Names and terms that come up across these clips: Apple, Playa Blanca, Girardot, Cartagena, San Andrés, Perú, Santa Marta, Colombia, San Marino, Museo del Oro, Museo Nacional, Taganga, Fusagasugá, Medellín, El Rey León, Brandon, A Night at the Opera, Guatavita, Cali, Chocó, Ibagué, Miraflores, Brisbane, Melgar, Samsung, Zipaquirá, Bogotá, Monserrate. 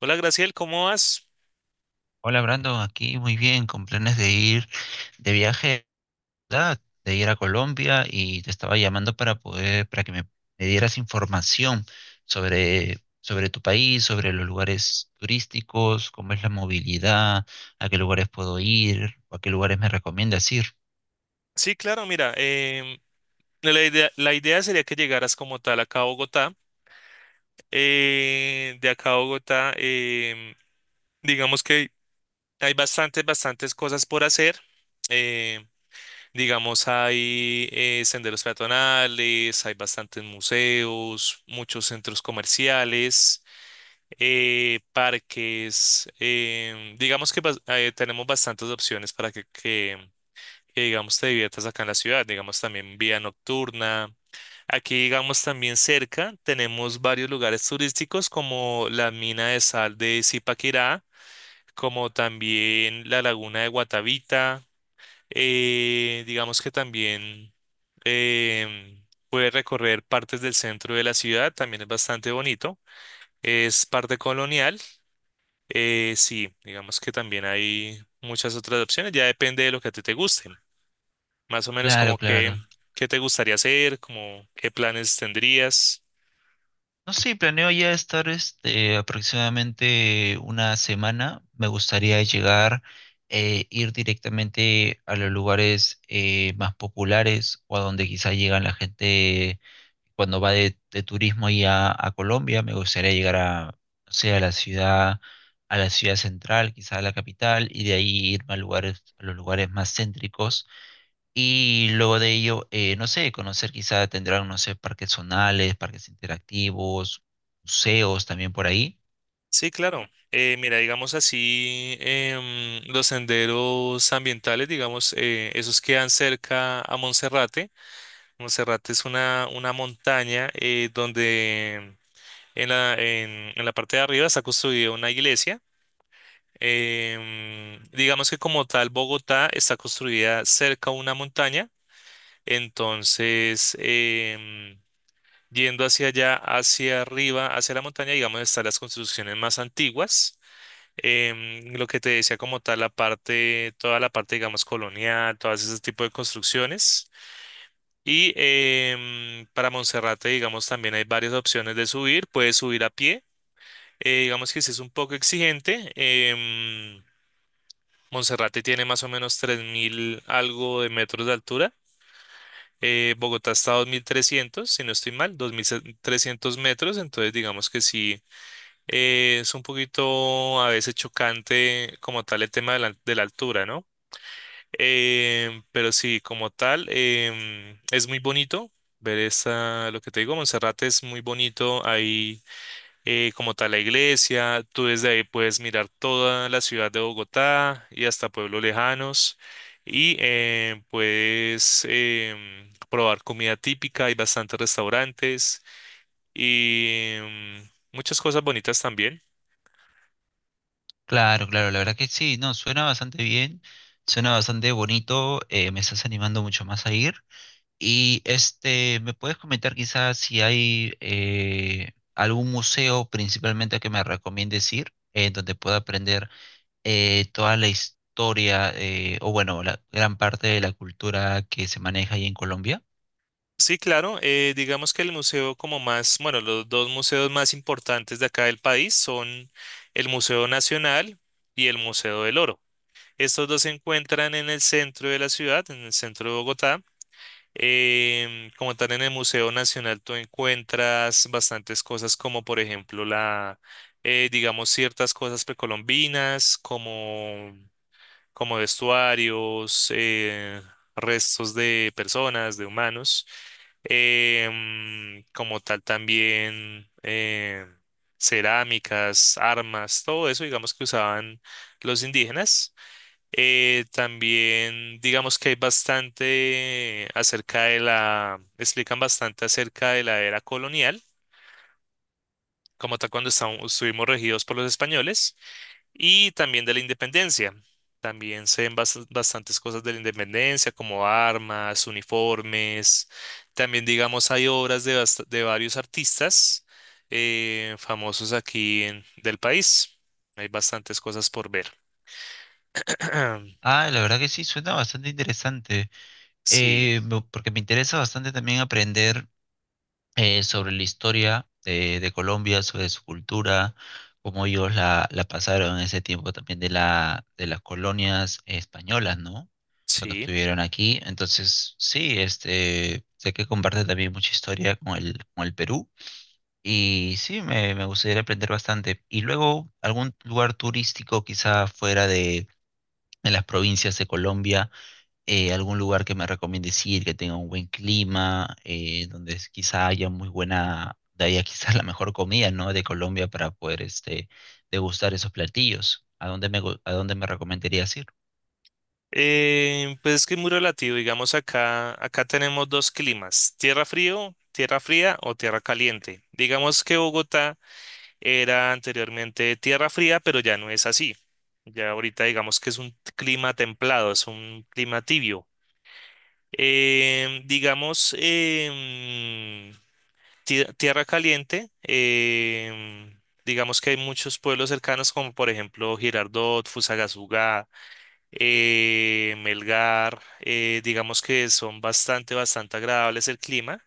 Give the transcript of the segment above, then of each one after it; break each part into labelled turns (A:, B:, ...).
A: Hola Graciel, ¿cómo vas?
B: Hola Brandon, aquí muy bien, con planes de ir de viaje, ¿verdad? De ir a Colombia y te estaba llamando para poder, para que me dieras información sobre tu país, sobre los lugares turísticos, cómo es la movilidad, a qué lugares puedo ir, o a qué lugares me recomiendas ir.
A: Sí, claro, mira, la idea sería que llegaras como tal acá a Bogotá. De acá a Bogotá, digamos que hay bastantes cosas por hacer. Eh, digamos, hay senderos peatonales, hay bastantes museos, muchos centros comerciales, parques. Tenemos bastantes opciones para que digamos te diviertas acá en la ciudad, digamos también vía nocturna. Aquí digamos también cerca tenemos varios lugares turísticos como la mina de sal de Zipaquirá, como también la laguna de Guatavita, digamos que también em, puedes recorrer partes del centro de la ciudad, también es bastante bonito. Es parte colonial, sí, digamos que también hay muchas otras opciones, ya depende de lo que a ti te guste. Más o menos como
B: Claro,
A: que,
B: claro.
A: qué te gustaría hacer, como qué planes tendrías.
B: No sé, planeo ya estar este, aproximadamente una semana. Me gustaría llegar, ir directamente a los lugares más populares o a donde quizá llegan la gente cuando va de turismo y a Colombia. Me gustaría llegar a, no sé, a la ciudad central, quizá a la capital, y de ahí irme a lugares, a los lugares más céntricos y luego de ello, no sé, conocer quizá tendrán, no sé, parques zonales, parques interactivos, museos también por ahí.
A: Sí, claro. Mira, digamos así, em, los senderos ambientales, digamos, esos quedan cerca a Monserrate. Monserrate es una montaña donde en la parte de arriba está construida una iglesia. Em, digamos que como tal, Bogotá está construida cerca a una montaña. Entonces, em, yendo hacia allá, hacia arriba, hacia la montaña, digamos, están las construcciones más antiguas. Em, lo que te decía como tal, la parte, toda la parte, digamos, colonial, todas ese tipo de construcciones. Y em, para Monserrate, digamos, también hay varias opciones de subir. Puedes subir a pie. Eh, digamos que sí es un poco exigente. Em, Monserrate tiene más o menos 3000 algo de metros de altura. Eh, Bogotá está a 2300 si no estoy mal, 2300 metros. Entonces, digamos que sí. Es un poquito a veces chocante como tal el tema de la altura, ¿no? Em, pero sí, como tal, em, es muy bonito ver esa, lo que te digo, Monserrate es muy bonito, ahí como tal la iglesia, tú desde ahí puedes mirar toda la ciudad de Bogotá y hasta pueblos lejanos y em, puedes em, probar comida típica, hay bastantes restaurantes y em, muchas cosas bonitas también.
B: Claro, claro, la verdad que sí, no, suena bastante bien, suena bastante bonito, me estás animando mucho más a ir. Y este, ¿me puedes comentar quizás si hay algún museo principalmente que me recomiendes ir, donde pueda aprender toda la historia, o bueno, la gran parte de la cultura que se maneja ahí en Colombia?
A: Sí, claro. Eh, digamos que el museo como más, bueno, los dos museos más importantes de acá del país son el Museo Nacional y el Museo del Oro. Estos dos se encuentran en el centro de la ciudad, en el centro de Bogotá. Em, como tal, en el Museo Nacional tú encuentras bastantes cosas como, por ejemplo, la, digamos, ciertas cosas precolombinas, como vestuarios, restos de personas, de humanos, em, como tal también cerámicas, armas, todo eso, digamos que usaban los indígenas. También digamos que hay bastante acerca de la, explican bastante acerca de la era colonial, como tal cuando estuvimos regidos por los españoles y también de la independencia. También se ven bastantes cosas de la independencia, como armas, uniformes. También, digamos, hay obras de, de varios artistas famosos del país. Hay bastantes cosas por ver.
B: Ah, la verdad que sí, suena bastante interesante.
A: Sí,
B: Porque me interesa bastante también aprender sobre la historia de Colombia, sobre su cultura, cómo ellos la pasaron en ese tiempo también de de las colonias españolas, ¿no? Cuando
A: sí.
B: estuvieron aquí. Entonces, sí, este, sé que comparte también mucha historia con con el Perú. Y sí, me gustaría aprender bastante. Y luego, algún lugar turístico quizá fuera de las provincias de Colombia, algún lugar que me recomiendes ir, que tenga un buen clima, quizá haya muy buena, de ahí a quizá la mejor comida, ¿no? De Colombia para poder este, degustar esos platillos. ¿A a dónde me recomendarías ir?
A: Pues es que es muy relativo. Digamos, acá tenemos dos climas, tierra frío, tierra fría o tierra caliente. Digamos que Bogotá era anteriormente tierra fría, pero ya no es así. Ya ahorita digamos que es un clima templado, es un clima tibio. Em, digamos, em, tierra caliente, em, digamos que hay muchos pueblos cercanos como por ejemplo Girardot, Fusagasugá, Melgar, digamos que son bastante agradables el clima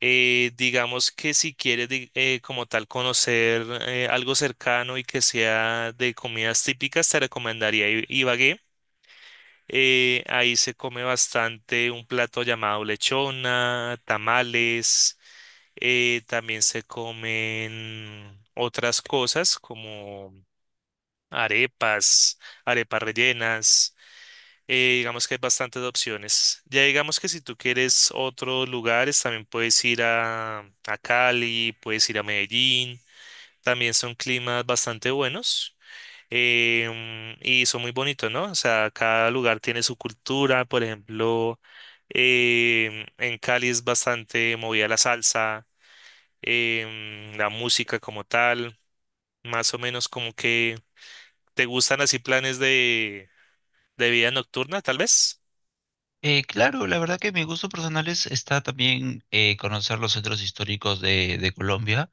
A: digamos que si quieres como tal conocer algo cercano y que sea de comidas típicas, te recomendaría Ibagué. Ahí se come bastante un plato llamado lechona, tamales, también se comen otras cosas como arepas, arepas rellenas digamos que hay bastantes opciones. Ya digamos que si tú quieres otros lugares, también puedes ir a Cali, puedes ir a Medellín. También son climas bastante buenos em, y son muy bonitos, ¿no? O sea, cada lugar tiene su cultura. Por ejemplo, em, en Cali es bastante movida la salsa, em, la música como tal. Más o menos como que te gustan así planes de vida nocturna, tal vez.
B: Claro, la verdad que mi gusto personal es, está también conocer los centros históricos de Colombia.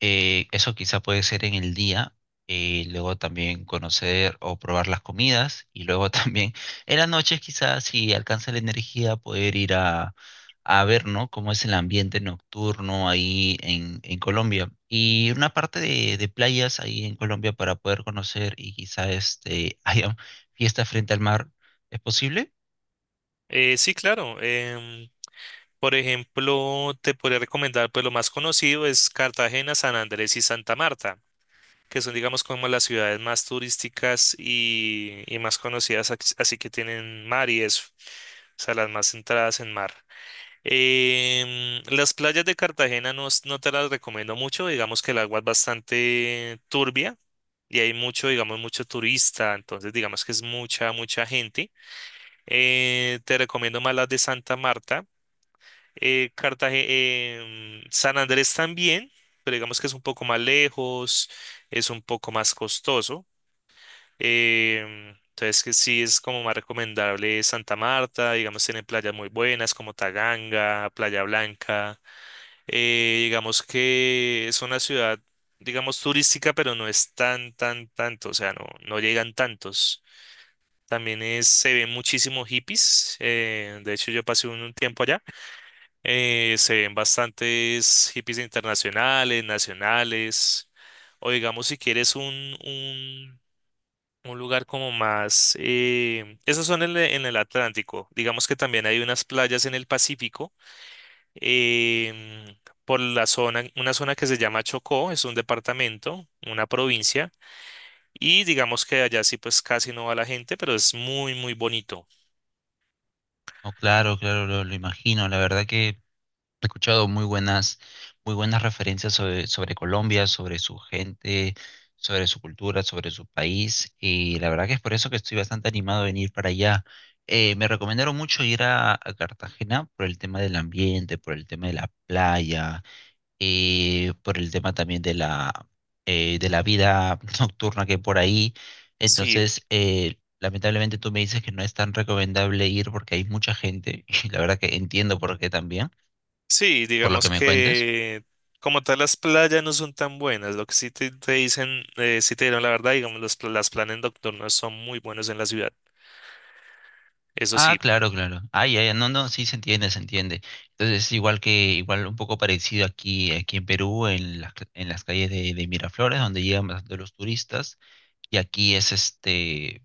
B: Eso quizá puede ser en el día, luego también conocer o probar las comidas y luego también en las noches quizás si alcanza la energía poder ir a ver, ¿no? ¿Cómo es el ambiente nocturno ahí en Colombia? Y una parte de playas ahí en Colombia para poder conocer y quizá este, haya fiesta frente al mar, ¿es posible?
A: Sí, claro. Em, por ejemplo, te podría recomendar, pues lo más conocido es Cartagena, San Andrés y Santa Marta, que son, digamos, como las ciudades más turísticas y más conocidas, así que tienen mar y eso, o sea, las más centradas en mar. Em, las playas de Cartagena no, no te las recomiendo mucho, digamos que el agua es bastante turbia y hay mucho, digamos, mucho turista, entonces digamos que es mucha, mucha gente. Te recomiendo más las de Santa Marta Cartagena, em, San Andrés también, pero digamos que es un poco más lejos, es un poco más costoso. Em, entonces que sí es como más recomendable Santa Marta, digamos tienen playas muy buenas como Taganga, Playa Blanca. Digamos que es una ciudad, digamos turística, pero no es tan, tan, tanto, o sea, no, no llegan tantos. También es, se ven muchísimos hippies. Eh, de hecho, yo pasé un tiempo allá. Se ven bastantes hippies internacionales, nacionales, o digamos si quieres un lugar como más... esos son en el Atlántico. Digamos que también hay unas playas en el Pacífico, em, por la zona, una zona que se llama Chocó, es un departamento, una provincia, y digamos que allá sí pues casi no va la gente, pero es muy, muy bonito.
B: No, claro, claro, lo imagino. La verdad que he escuchado muy buenas referencias sobre Colombia, sobre su gente, sobre su cultura, sobre su país, y la verdad que es por eso que estoy bastante animado a venir para allá. Me recomendaron mucho ir a Cartagena por el tema del ambiente, por el tema de la playa, por el tema también de la vida nocturna que hay por ahí.
A: Sí.
B: Entonces, lamentablemente tú me dices que no es tan recomendable ir porque hay mucha gente, y la verdad que entiendo por qué también
A: Sí,
B: por lo que
A: digamos
B: me cuentas.
A: que como tal las playas no son tan buenas. Lo que sí te dicen, sí te dieron la verdad, digamos, los, las planes nocturnos son muy buenos en la ciudad. Eso
B: Ah,
A: sí,
B: claro, claro. Ah, ya, ya, no, no, sí se entiende, se entiende. Entonces es igual que, igual un poco parecido aquí, aquí en Perú, en en las calles de Miraflores, donde llegan bastante los turistas, y aquí es este,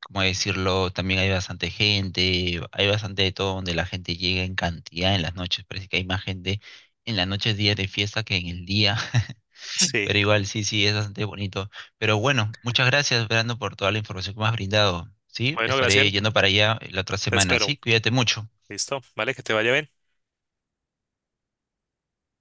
B: ¿cómo decirlo? También hay bastante gente, hay bastante de todo donde la gente llega en cantidad en las noches, parece que hay más gente en las noches, días de fiesta que en el día.
A: sí.
B: Pero igual sí, sí, es bastante bonito. Pero bueno, muchas gracias, Brando, por toda la información que me has brindado. Sí,
A: Bueno,
B: estaré
A: Graciel,
B: yendo para allá la otra
A: te
B: semana.
A: espero.
B: Sí, cuídate mucho.
A: Listo, vale, que te vaya bien.